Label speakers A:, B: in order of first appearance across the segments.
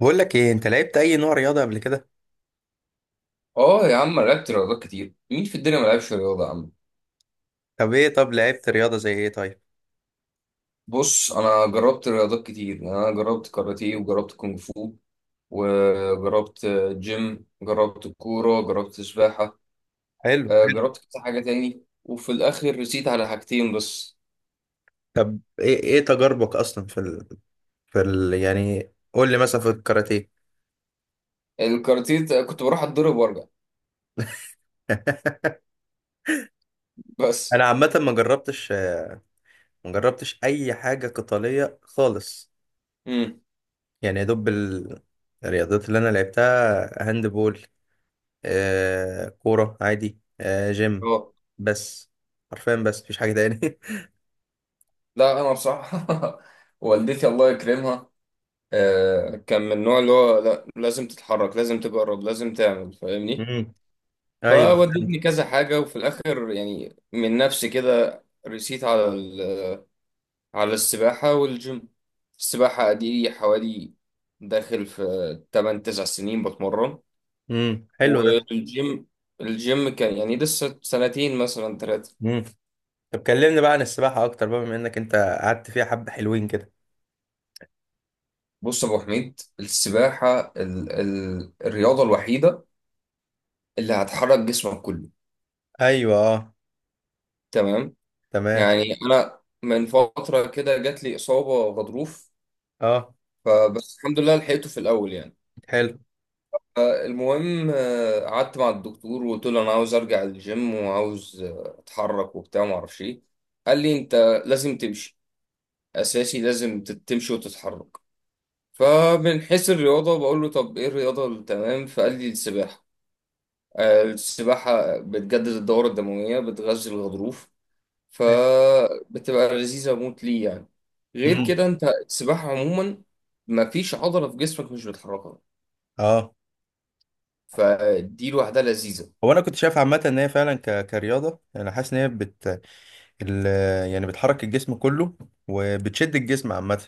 A: بقول لك ايه؟ انت لعبت اي نوع رياضه قبل كده؟
B: اه يا عم، أنا لعبت رياضات كتير. مين في الدنيا ما لعبش رياضة يا عم؟
A: طب لعبت رياضه زي ايه؟ طيب.
B: بص، انا جربت رياضات كتير. يعني انا جربت كاراتيه وجربت كونغ فو وجربت، جربت كورة، جربت سباحة.
A: حلو، حلو.
B: جربت كذا حاجة تاني، وفي الاخر رسيت على حاجتين بس.
A: طب ايه تجاربك اصلا في يعني قول لي مثلا في الكاراتيه.
B: الكاراتيه كنت بروح اتضرب وارجع
A: انا
B: بس.
A: عامه ما جربتش اي حاجه قتاليه خالص.
B: امم
A: يعني يا دوب الرياضات اللي انا لعبتها هاند بول، كوره عادي، جيم.
B: اه،
A: بس حرفيا، بس مفيش حاجه تاني.
B: لا انا بصراحة والدتي الله يكرمها كان من النوع اللي هو لا، لازم تتحرك، لازم تجرب، لازم تعمل، فاهمني؟
A: امم. ايوه،
B: فودتني
A: فهمت.
B: كذا حاجة، وفي الآخر يعني من نفسي كده رسيت على على السباحة والجيم. السباحة دي حوالي داخل في 8 9 سنين بتمرن.
A: امم، حلو ده.
B: والجيم، الجيم كان يعني لسه سنتين مثلا ثلاثة.
A: طب كلمني بقى عن السباحة أكتر بقى، بما إنك أنت قعدت فيها حبة حلوين كده.
B: بص يا أبو حميد، السباحة ال ال الرياضة الوحيدة اللي هتحرك جسمك كله.
A: أيوه، أه.
B: تمام.
A: تمام.
B: يعني أنا من فترة كده جات لي إصابة غضروف،
A: أه،
B: فبس الحمد لله لحقته في الأول يعني.
A: حلو،
B: المهم، قعدت مع الدكتور وقلت له انا عاوز ارجع الجيم وعاوز اتحرك وبتاع وما اعرفش ايه. قال لي: انت لازم تمشي اساسي، لازم تمشي وتتحرك. فمن حيث الرياضه بقول له: طب ايه الرياضه التمام؟ فقال لي السباحه. السباحه بتجدد الدوره الدمويه، بتغذي الغضروف،
A: حلو.
B: فبتبقى لذيذه موت ليه يعني. غير
A: امم،
B: كده انت السباحه عموما مفيش عضله في جسمك مش بتحركها،
A: أه.
B: فدي لوحدها لذيذه.
A: هو أنا كنت شايف عامة إن هي فعلا كرياضة، أنا حاسس إن هي ال... يعني بتحرك الجسم كله وبتشد الجسم عامة.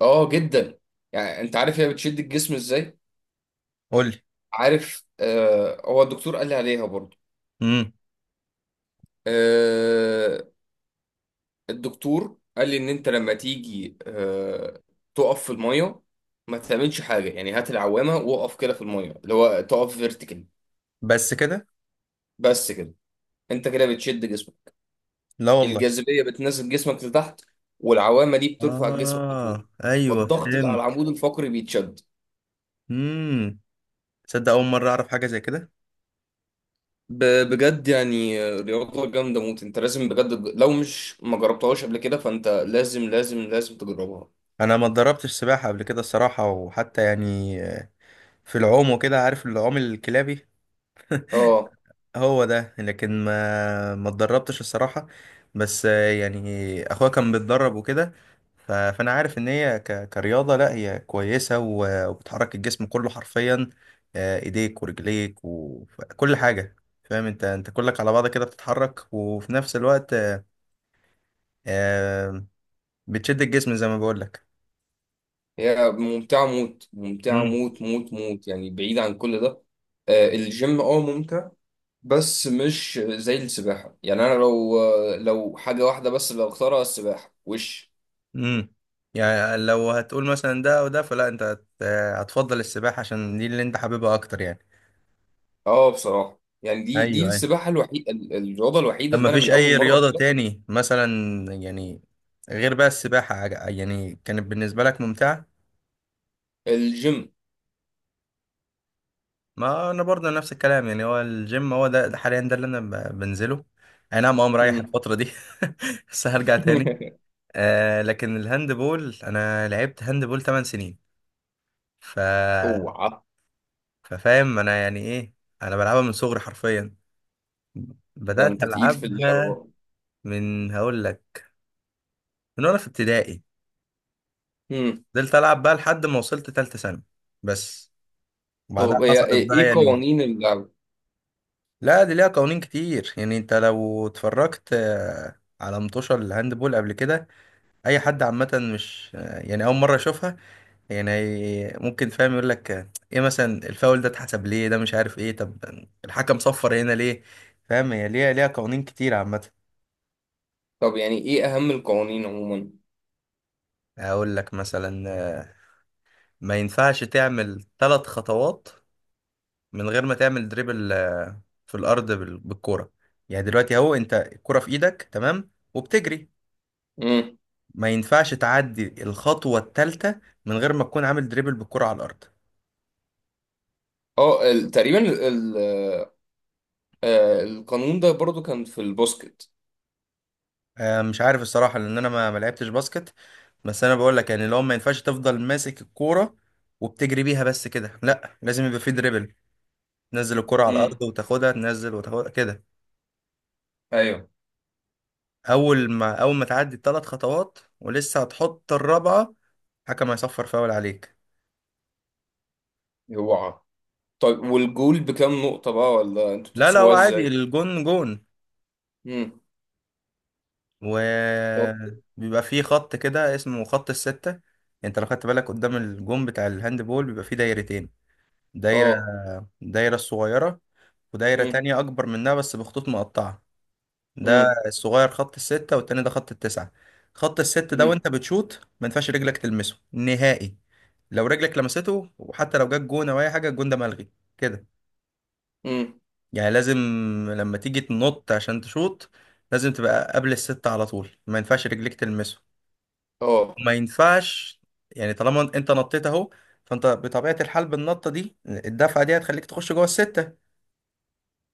B: اه جدا. يعني انت عارف هي بتشد الجسم ازاي؟
A: قول لي.
B: عارف؟ آه، هو الدكتور قال لي عليها برضو.
A: امم.
B: آه، الدكتور قال لي ان انت لما تيجي تقف في الميه، ما تعملش حاجه، يعني هات العوامه واقف كده في الميه، اللي هو تقف فيرتيكال.
A: بس كده.
B: بس كده. انت كده بتشد جسمك.
A: لا والله.
B: الجاذبيه بتنزل جسمك لتحت، والعوامه دي بترفع جسمك
A: آه،
B: لفوق،
A: أيوه،
B: والضغط اللي على
A: فهمت.
B: العمود الفقري بيتشد.
A: امم. تصدق أول مرة أعرف حاجة زي كده؟
B: بجد يعني رياضة جامدة موت. انت لازم بجد، لو مش ما جربتهاش قبل كده فانت لازم لازم لازم تجربها.
A: أنا ما اتدربتش سباحة قبل كده الصراحة، وحتى يعني في العوم وكده، عارف العوم الكلابي؟
B: اه،
A: هو ده. لكن ما اتدربتش الصراحة. بس يعني اخويا كان بيتدرب وكده. فانا عارف ان هي كرياضة، لا هي كويسة وبتحرك الجسم كله حرفيا، ايديك ورجليك وكل حاجة، فاهم؟ انت كلك على بعض كده بتتحرك، وفي نفس الوقت آه، بتشد الجسم زي ما بقول لك.
B: هي ممتعة موت، ممتعة
A: امم،
B: موت موت موت، يعني بعيد عن كل ده. الجيم اه ممتع، بس مش زي السباحة. يعني انا لو حاجة واحدة بس اللي اختارها السباحة وش.
A: امم. يعني لو هتقول مثلا ده او ده، فلا، انت هتفضل السباحة عشان دي اللي انت حاببها اكتر يعني.
B: اه بصراحة، يعني دي
A: ايوه، ايوه.
B: السباحة الوحيدة، الرياضة الوحيدة
A: طب ما
B: اللي انا
A: فيش
B: من اول
A: اي
B: مرة
A: رياضة
B: كده
A: تاني مثلا؟ يعني غير بقى السباحة، يعني كانت بالنسبة لك ممتعة.
B: الجيم.
A: ما انا برضه نفس الكلام. يعني هو الجيم هو ده، حاليا ده اللي انا بنزله. اي نعم، اه، مريح
B: مم.
A: الفترة دي. بس هرجع تاني. آه لكن الهاند بول، انا لعبت هاند بول 8 سنين، ف
B: اوعى!
A: ففاهم انا يعني ايه. انا بلعبها من صغري حرفيا،
B: ده
A: بدأت
B: انت تقيل في اللعبة
A: العبها
B: بقى.
A: من، هقول لك، من وانا في ابتدائي.
B: امم.
A: فضلت العب بقى لحد ما وصلت تالتة ثانوي، بس بعدها
B: طب هي
A: حصلت
B: ايه،
A: بقى
B: إيه
A: يعني.
B: قوانين اللعبة؟
A: لا دي ليها قوانين كتير، يعني انت لو اتفرجت على مطوشة الهاندبول قبل كده، اي حد عامة مش يعني اول مرة يشوفها، يعني ممكن فاهم يقول لك ايه مثلا الفاول ده اتحسب ليه؟ ده مش عارف ايه. طب الحكم صفر هنا ليه؟ فاهم، هي ليها قوانين كتير عامة.
B: طب يعني ايه اهم القوانين عموما؟
A: اقول لك مثلا، آه، ما ينفعش تعمل ثلاث خطوات من غير ما تعمل دريبل في الارض بالكورة. يعني دلوقتي اهو، انت الكرة في ايدك تمام وبتجري،
B: امم.
A: ما ينفعش تعدي الخطوة الثالثة من غير ما تكون عامل دريبل بالكرة على الأرض.
B: اه تقريبا ال ال آه، القانون ده برضو كان في البوسكت.
A: مش عارف الصراحة لأن أنا ما لعبتش باسكت. بس أنا بقول لك، يعني لو، ما ينفعش تفضل ماسك الكورة وبتجري بيها بس كده، لا لازم يبقى في دريبل، تنزل الكرة على
B: امم.
A: الأرض وتاخدها، تنزل وتاخدها كده.
B: ايوه.
A: أول ما تعدي الثلاث خطوات ولسه هتحط الرابعة، الحكم هيصفر فاول عليك.
B: هو طيب، والجول بكام نقطة بقى، ولا انتوا
A: لا، لا، هو
B: بتحسبوها
A: عادي،
B: ازاي؟
A: الجون جون،
B: امم. طب.
A: وبيبقى فيه خط كده اسمه خط الستة. انت لو خدت بالك قدام الجون بتاع الهاند بول بيبقى فيه دايرتين، دايرة،
B: اه.
A: الصغيرة، ودايرة
B: امم.
A: تانية أكبر منها بس بخطوط مقطعة. ده
B: امم.
A: الصغير خط الستة، والتاني ده خط التسعة. خط الست ده
B: امم.
A: وانت بتشوط ما ينفعش رجلك تلمسه نهائي. لو رجلك لمسته، وحتى لو جت جون او اي حاجة، الجون ده ملغي كده.
B: امم.
A: يعني لازم، لما تيجي تنط عشان تشوط، لازم تبقى قبل الستة على طول، ما ينفعش رجلك تلمسه،
B: اه.
A: ما ينفعش. يعني طالما انت نطيت اهو، فانت بطبيعة الحال بالنطة دي الدفعة دي هتخليك تخش جوه الستة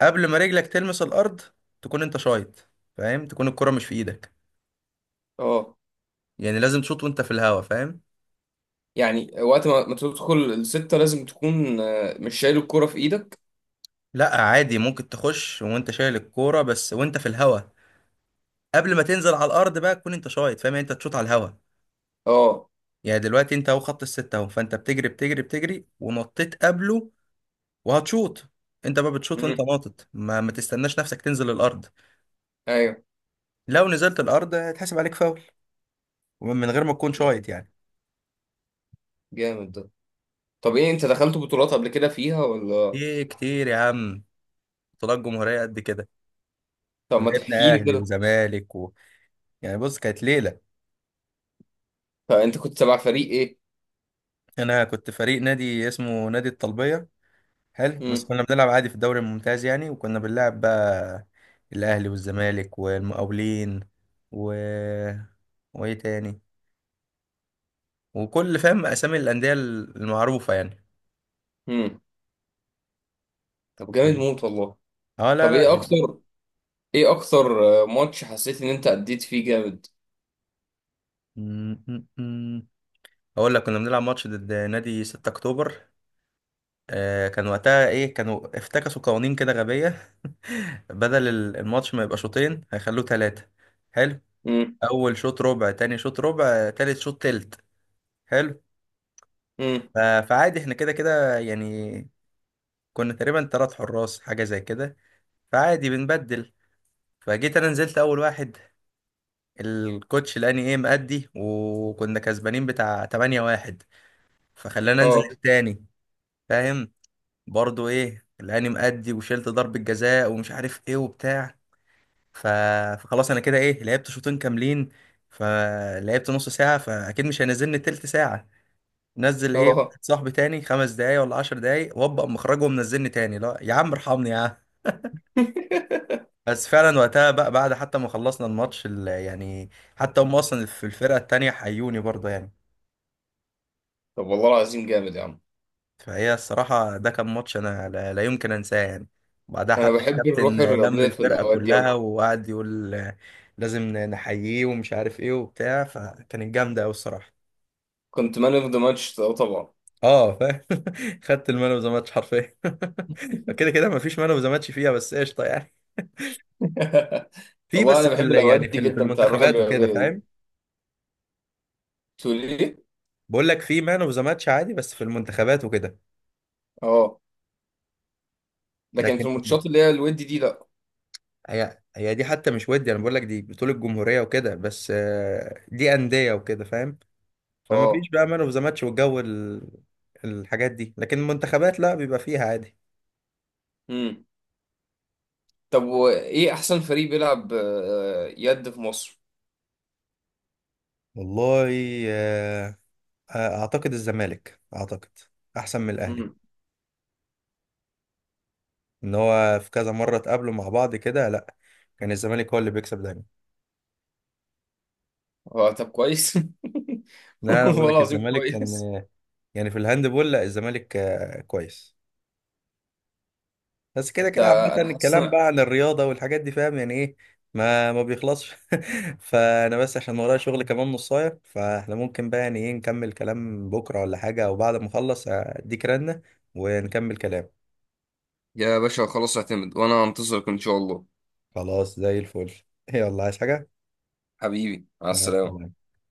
A: قبل ما رجلك تلمس الأرض، تكون انت شايط، فاهم؟ تكون الكرة مش في ايدك،
B: اه،
A: يعني لازم تشوط وانت في الهوا، فاهم.
B: يعني وقت ما تدخل الستة لازم تكون مش شايل الكرة في ايدك.
A: لا عادي، ممكن تخش وانت شايل الكورة، بس وانت في الهوا قبل ما تنزل على الأرض بقى تكون انت شايط، فاهم؟ يعني انت تشوط على الهوا.
B: اه.
A: يعني دلوقتي انت اهو خط الستة اهو، فانت بتجري، بتجري، بتجري، ونطيت قبله، وهتشوط. انت بقى بتشوط وانت
B: امم.
A: ناطط، ما تستناش نفسك تنزل الأرض.
B: ايوه.
A: لو نزلت الارض هيتحسب عليك فاول، ومن غير ما تكون
B: جامد،
A: شايط يعني.
B: جامد ده. طب، ايه، انت دخلت بطولات قبل كده فيها ولا؟
A: ايه كتير يا عم، بطولات جمهوريه قد كده.
B: طب ما تحكي
A: ولعبنا
B: لي
A: اهلي
B: كده.
A: وزمالك يعني بص، كانت ليله.
B: فانت كنت تبع فريق ايه؟
A: انا كنت فريق نادي اسمه نادي الطلبيه. حلو، بس
B: امم.
A: كنا بنلعب عادي في الدوري الممتاز يعني، وكنا بنلعب بقى الاهلي والزمالك والمقاولين، و وايه تاني، وكل فاهم اسامي الانديه المعروفه يعني.
B: امم. طب جامد موت والله.
A: اه، لا،
B: طب ايه
A: لا.
B: اكتر، ايه اكتر ماتش حسيت ان انت اديت فيه جامد؟
A: م- م- م. اقول لك كنا بنلعب ماتش ضد نادي 6 اكتوبر. كان وقتها ايه، كانوا افتكسوا قوانين كده غبية. بدل الماتش ما يبقى شوطين هيخلوه ثلاثة. حلو.
B: امم.
A: اول شوط ربع، تاني شوط ربع، تالت شوط تلت. حلو.
B: امم.
A: فعادي احنا كده كده يعني، كنا تقريبا تلات حراس حاجة زي كده، فعادي بنبدل. فجيت انا نزلت اول واحد الكوتش لاني مأدي، وكنا كسبانين بتاع 8-1، فخلانا انزل
B: اه.
A: التاني، فاهم، برضو لاني مأدي وشلت ضربة جزاء ومش عارف ايه وبتاع. ف... فخلاص انا كده لعبت شوطين كاملين. فلعبت نص ساعه، فاكيد مش هينزلني تلت ساعه، نزل
B: اه.
A: واحد صاحبي تاني 5 دقايق ولا 10 دقايق، وابقى مخرجه منزلني تاني؟ لا يا عم، ارحمني يا عم. بس فعلا وقتها بقى بعد حتى ما خلصنا الماتش، يعني حتى هم اصلا في الفرقه التانيه حيوني برضه يعني.
B: طب والله العظيم جامد يا عم.
A: فهي الصراحه ده كان ماتش انا لا, لا يمكن انساه يعني. بعدها
B: انا
A: حتى
B: بحب الروح
A: الكابتن لم
B: الرياضيه في
A: الفرقه
B: الاوقات دي
A: كلها
B: أوي.
A: وقعد يقول لازم نحييه ومش عارف ايه وبتاع، فكانت جامده قوي الصراحه.
B: كنت مان اوف ذا ماتش طبعا.
A: اه فاهم. خدت المان اوف ذا ماتش حرفيا. كده كده مفيش مان اوف ذا ماتش فيها، بس قشطه يعني. في
B: والله
A: بس
B: انا
A: في
B: بحب
A: ال-
B: الاوقات
A: يعني
B: دي
A: في ال- في
B: جدا، بتاع الروح
A: المنتخبات وكده،
B: الرياضيه
A: فاهم.
B: دي. تقول ايه؟
A: بقول لك في مان اوف ذا ماتش عادي، بس في المنتخبات وكده.
B: اه، لكن في
A: لكن
B: الماتشات اللي هي الود دي لا.
A: هي دي حتى مش ودي، انا بقول لك دي بطوله الجمهوريه وكده، بس دي انديه وكده، فاهم. فما فيش
B: اه.
A: بقى مان اوف ذا ماتش والجو، الحاجات دي، لكن المنتخبات لا بيبقى فيها عادي.
B: طب وايه احسن فريق بيلعب يد في مصر؟
A: والله، آه، آه، اعتقد الزمالك، اعتقد احسن من الاهلي،
B: امم.
A: ان هو في كذا مره اتقابلوا مع بعض كده، لا كان الزمالك هو اللي بيكسب دايما.
B: هو طب كويس.
A: لا انا بقول
B: والله
A: لك
B: العظيم
A: الزمالك كان،
B: كويس.
A: يعني في الهاندبول لا الزمالك كويس. بس كده
B: انت
A: كده عامه
B: انا حاسس
A: الكلام
B: إن-
A: بقى عن الرياضه والحاجات دي، فاهم يعني ايه، ما بيخلصش. فانا بس عشان ورايا شغل كمان نصايه، فاحنا ممكن بقى يعني ايه نكمل كلام بكره ولا حاجه، او بعد ما اخلص اديك رنه ونكمل كلام.
B: يا باشا خلاص، اعتمد، وانا هنتظرك ان شاء الله.
A: خلاص زي الفل. يلا، عايز حاجه؟
B: حبيبي، مع
A: مع
B: السلامة.
A: السلامه.